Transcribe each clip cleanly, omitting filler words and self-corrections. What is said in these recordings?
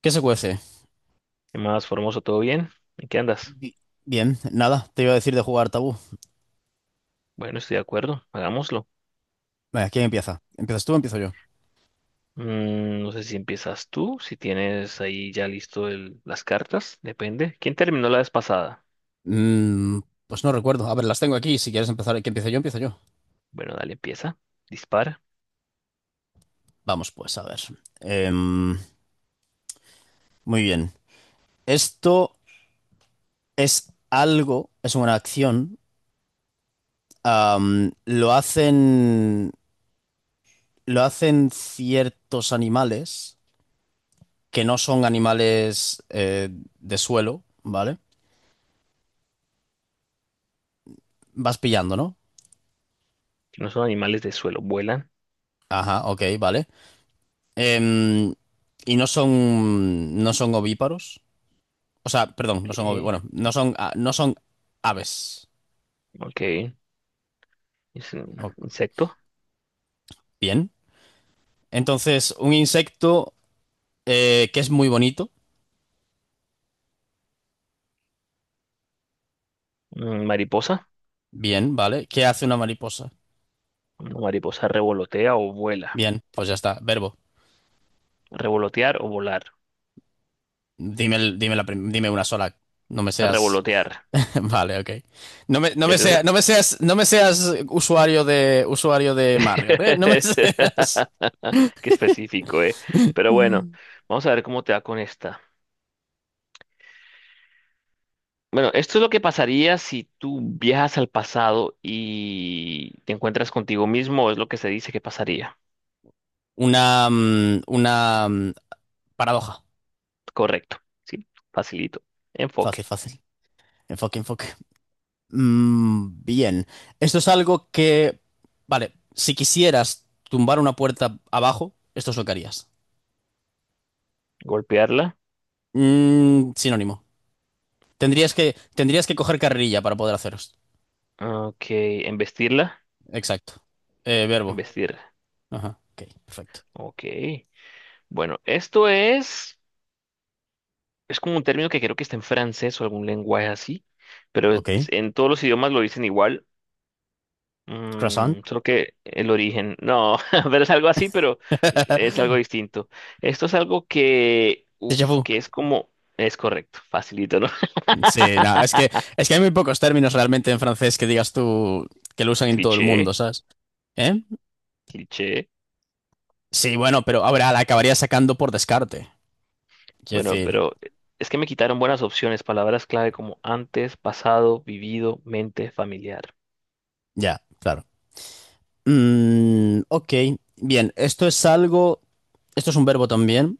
¿Qué se cuece? ¿Qué más, Formoso? ¿Todo bien? ¿En qué andas? Bi- Bien, nada, te iba a decir de jugar tabú. Bueno, estoy de acuerdo, hagámoslo. Venga, ¿quién empieza? ¿Empiezas tú o empiezo yo? No sé si empiezas tú, si tienes ahí ya listo las cartas, depende. ¿Quién terminó la vez pasada? Mm, pues no recuerdo. A ver, las tengo aquí. Si quieres empezar, que empiece yo, empiezo yo. Bueno, dale, empieza, dispara. Vamos, pues, a ver. Em, muy bien. Esto es algo, es una acción. am, lo hacen, lo hacen ciertos animales que no son animales de suelo, ¿vale? Vas pillando, ¿no? Que no son animales de suelo, vuelan. Ajá, ok, vale. Em, y no son ovíparos. O sea, perdón, ¿Qué? bueno, no son aves. Ok, es un O- insecto. Bien. Entonces, un insecto que es muy bonito. Mm, mariposa. Bien, ¿vale? ¿Qué hace una mariposa? Una mariposa revolotea o vuela. Bien, pues ya está. Verbo. Revolotear o volar. Dime una sola. No me seas. Revolotear. Vale, ok. ¿Es No esa? me seas, usuario de Marriott, ¿eh? No me seas. Qué específico, ¿eh? Pero bueno, vamos a ver cómo te va con esta. Bueno, esto es lo que pasaría si tú viajas al pasado y te encuentras contigo mismo, es lo que se dice que pasaría. Una paradoja. Correcto, sí, facilito. Fácil, Enfoque. fácil. Enfoque, enfoque. Bien. Esto es algo… que... Vale, si quisieras tumbar una puerta abajo, esto es lo que harías. Golpearla. Sinónimo. Tendrías que coger carrerilla para poder hacer esto. Ok, embestirla. Exacto. Verbo. Embestirla. Ajá. Ok, perfecto. Ok. Bueno, es como un término que creo que está en francés o algún lenguaje así, pero Ok. en todos los idiomas lo dicen igual. Croissant. Solo que el origen, no, pero es algo así, pero es algo distinto. Esto es algo que, Déjà uf, vu. que es como, es correcto, facilito, ¿no? Sí, nada, es que hay muy pocos términos realmente en francés que digas tú que lo usan en todo el mundo, Cliché, ¿sabes? ¿Eh? cliché. Sí, bueno, pero ahora la acabarías sacando por descarte. Quiero Bueno, decir, pero es que me quitaron buenas opciones, palabras clave como antes, pasado, vivido, mente, familiar. ya, claro. Ok, bien, esto es algo, esto es un verbo también.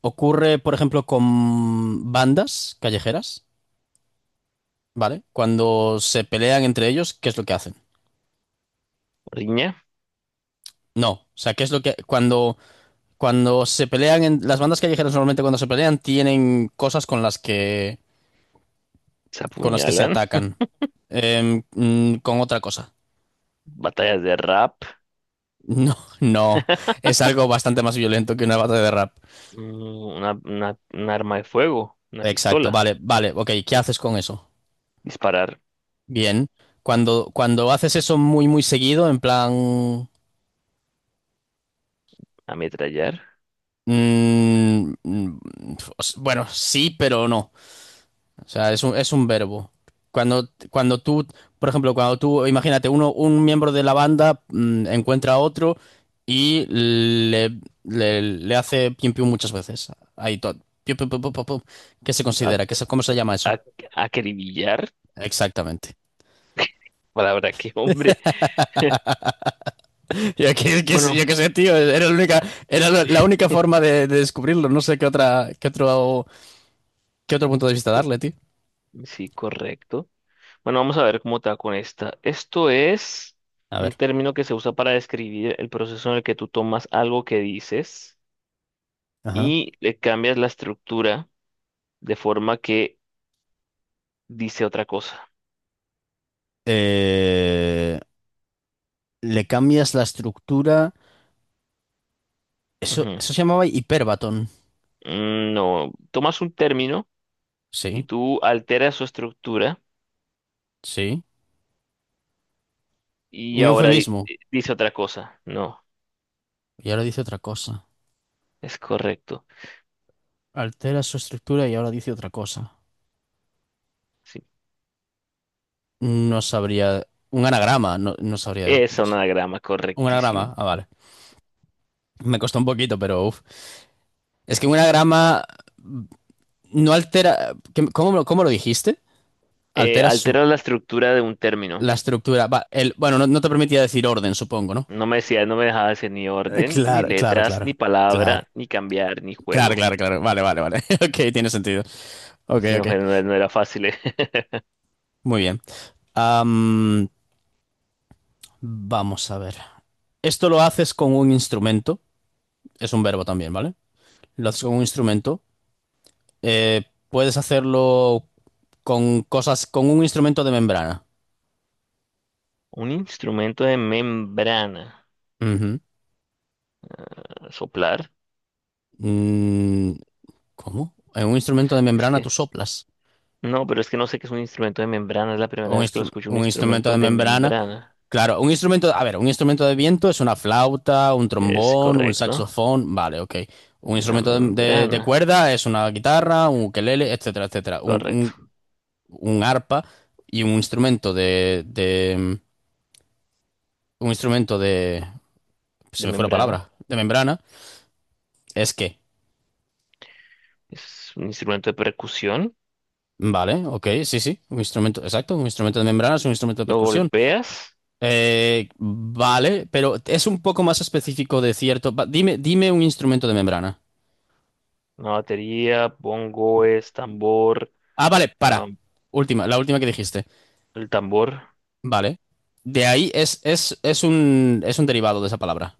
Ocurre, por ejemplo, con bandas callejeras, ¿vale? Cuando se pelean entre ellos, ¿qué es lo que hacen? Riña, No, o sea, ¿qué es lo que cuando se pelean en las bandas callejeras normalmente cuando se pelean tienen cosas se con las que se apuñalan, atacan. Con otra cosa. batallas de rap, No, no, es algo bastante más violento que una batalla de rap. mm, un arma de fuego, una Exacto, pistola, vale, vale, ok, ¿qué haces con eso? disparar, Bien. Cuando haces eso muy, muy seguido, en plan… ametrallar, mm, mm, bueno, sí, pero no. O sea, es un verbo. Cuando tú, por ejemplo, cuando tú, imagínate, un miembro de la banda encuentra a otro y le hace pium pium muchas veces. Ahí todo. Pium, pium, pum, pum, pum, pum. ¿Qué se a, considera? ¿Cómo se llama eso? a, acribillar. Exactamente. Palabra que hombre. Bueno, Yo qué sé, tío, era la única, era la única forma de descubrirlo. No sé qué otra, qué otro punto de vista co- darle, tío. sí, correcto. Bueno, vamos a ver cómo te va con esta. Esto es A un ver. término que se usa para describir el proceso en el que tú tomas algo que dices Ajá. y le cambias la estructura de forma que dice otra cosa. Eh, le cambias la estructura. Eso, Ujú. eso se llamaba hiperbatón. No, tomas un término y Sí, tú alteras su estructura sí. y Un ahora eufemismo. dice otra cosa. No, Y ahora dice otra cosa. es correcto. Altera su estructura y ahora dice otra cosa. Sí. No sabría. Un anagrama, no, no sabría, Es no un sé. anagrama, Un correctísimo. anagrama, ah, vale. Me costó un poquito, pero uf. Es que un anagrama mm, no altera. ¿Cómo, cómo lo dijiste? Altera su, Alteras la estructura de un término. la estructura. Va, el, bueno, no, no te permitía decir orden, supongo, ¿no? No me decía, no me dejaba hacer ni orden, ni claro, claro, letras, claro. ni Claro, palabra, ni cambiar, ni claro, juego. claro, claro. Vale, vale, vale. Ok, tiene sentido. Ok, Si no, ok. No, era no era fácil, eh. Muy bien. Am, vamos a ver. Esto lo haces con un instrumento. Es un verbo también, ¿vale? Lo haces con un instrumento. Puedes hacerlo con cosas, con un instrumento de membrana. Un instrumento de membrana. Ujú. Soplar. Mm, ¿cómo? En un instrumento de Es membrana tú que. soplas. No, pero es que no sé qué es un instrumento de membrana. Es la primera vez que lo escucho, un Un instrumento instrumento de de membrana. membrana. Claro, un instrumento, a ver, un instrumento de viento es una flauta, un Es trombón, un correcto. saxofón, vale, ok. Un Una instrumento de membrana. cuerda es una guitarra, un ukelele, etcétera, etcétera. Correcto. Un arpa y un instrumento de, se De me fue la membrana. palabra, de membrana, es que, Es un instrumento de percusión. vale, ok, sí, sí, un instrumento, exacto, un instrumento de membrana es un instrumento de Lo percusión. golpeas. Vale, pero es un poco más específico de cierto. Dime, dime un instrumento de membrana. Una batería, bongo es tambor. Ah, vale, Ah, para. Última, la última que dijiste. el tambor. Vale. De ahí es un derivado de esa palabra.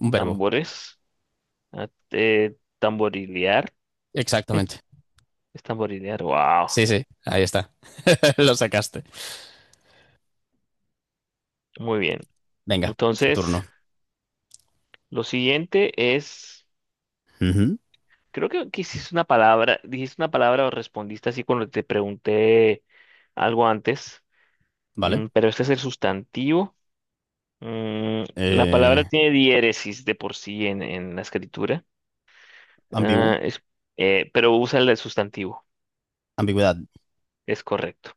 Un verbo. Tambores. Ah, tamborilear. Exactamente. Es tamborilear. Wow. Sí, sí, ahí está. Lo sacaste. Muy bien. Venga, tu Entonces, turno. lo siguiente es… Ujú. Creo que hiciste una palabra. Dijiste una palabra o respondiste así cuando te pregunté algo antes. Vale. Mm, pero este es el sustantivo. Mm, la palabra Eh, tiene diéresis de por sí en la escritura. ambiguo. Ah, es, pero usa el del sustantivo. Ambigüedad. Es correcto.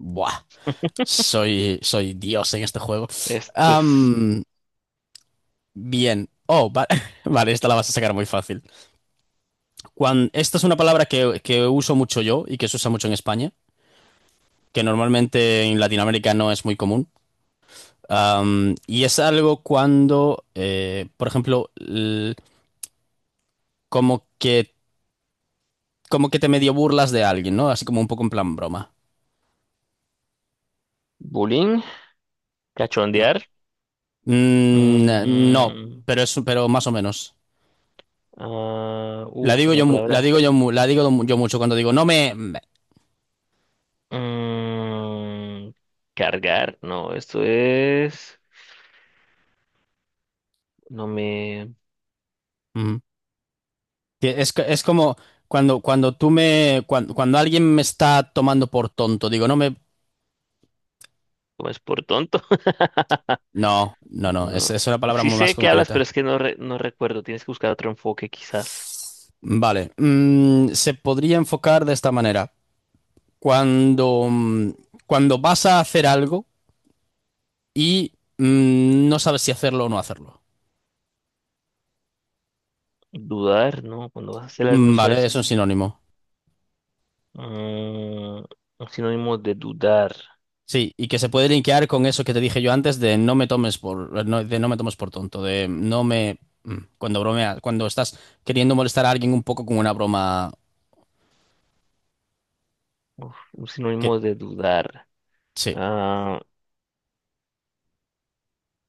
Buah. Soy Dios en este juego. Esto es Am, bien. Oh, vale, esta la vas a sacar muy fácil. Esta es una palabra que uso mucho yo y que se usa mucho en España, que normalmente en Latinoamérica no es muy común. Y es algo cuando, por ejemplo, como que, como que te medio burlas de alguien, ¿no? Así como un poco en plan broma. bullying. No. Cachondear. Mm, no, Mm, pero es, pero más o menos. ah, uf, una palabra. Yo mucho cuando digo, no me… me". Mm, cargar, no, esto es… No me Ujú. Que es como cuando, cuando tú me, cuando, cuando alguien me está tomando por tonto, digo, no me… tomes por tonto. No, no, no, No, es una palabra sí muy más sé que hablas, pero concreta. es que no, no recuerdo. Tienes que buscar otro enfoque, quizás. Vale, se podría enfocar de esta manera. Cuando, cuando vas a hacer algo y no sabes si hacerlo o no hacerlo. Dudar, ¿no? Cuando vas a hacer Mm, algunos a vale, es un veces. sinónimo. Mm, un sinónimo de dudar. Sí, y que se puede linkear con eso que te dije yo antes de no me tomes por, no, de no me tomes por tonto, de no me… Cuando bromeas, cuando estás queriendo molestar a alguien un poco con una broma Uf, un que… sinónimo de dudar. Sí, Ah,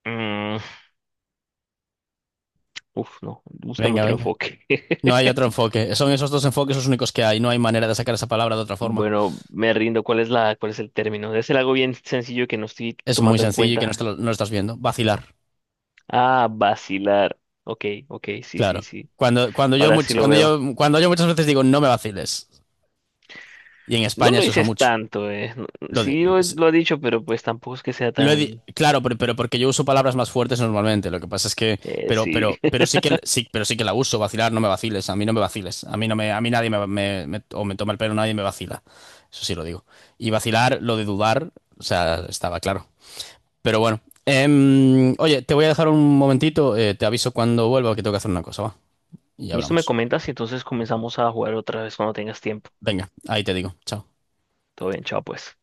mm, uf, no. Búscame venga, otro venga. enfoque. No hay otro enfoque. Son esos dos enfoques los únicos que hay. No hay manera de sacar esa palabra de otra forma. Bueno, me rindo. ¿Cuál es la, cuál es el término? Es algo bien sencillo que no estoy Es muy tomando en sencillo y que no, cuenta. no lo estás viendo. Vacilar, Ah, vacilar. Ok, ok, sí, sí, claro. sí. Ahora sí lo veo. Cuando yo muchas veces digo no me vaciles, y en No España lo se usa dices mucho. tanto, eh. Lo de- Sí lo ha dicho, pero pues tampoco es que sea lo he tan… claro, pero porque yo uso palabras más fuertes normalmente. Lo que pasa es que, sí. Pero sí que, sí, pero sí que la uso. Vacilar, no me vaciles. A mí no me vaciles. A mí no me, a mí nadie me, o me toma el pelo, nadie me vacila. Eso sí lo digo. Y vacilar, lo de dudar, o sea, estaba claro. Pero bueno. Em, oye, te voy a dejar un momentito. Eh, te aviso cuando vuelva que tengo que hacer una cosa, va. Y Listo, me hablamos. comentas y entonces comenzamos a jugar otra vez cuando tengas tiempo. Venga, ahí te digo. Chao. Todo bien, chao pues.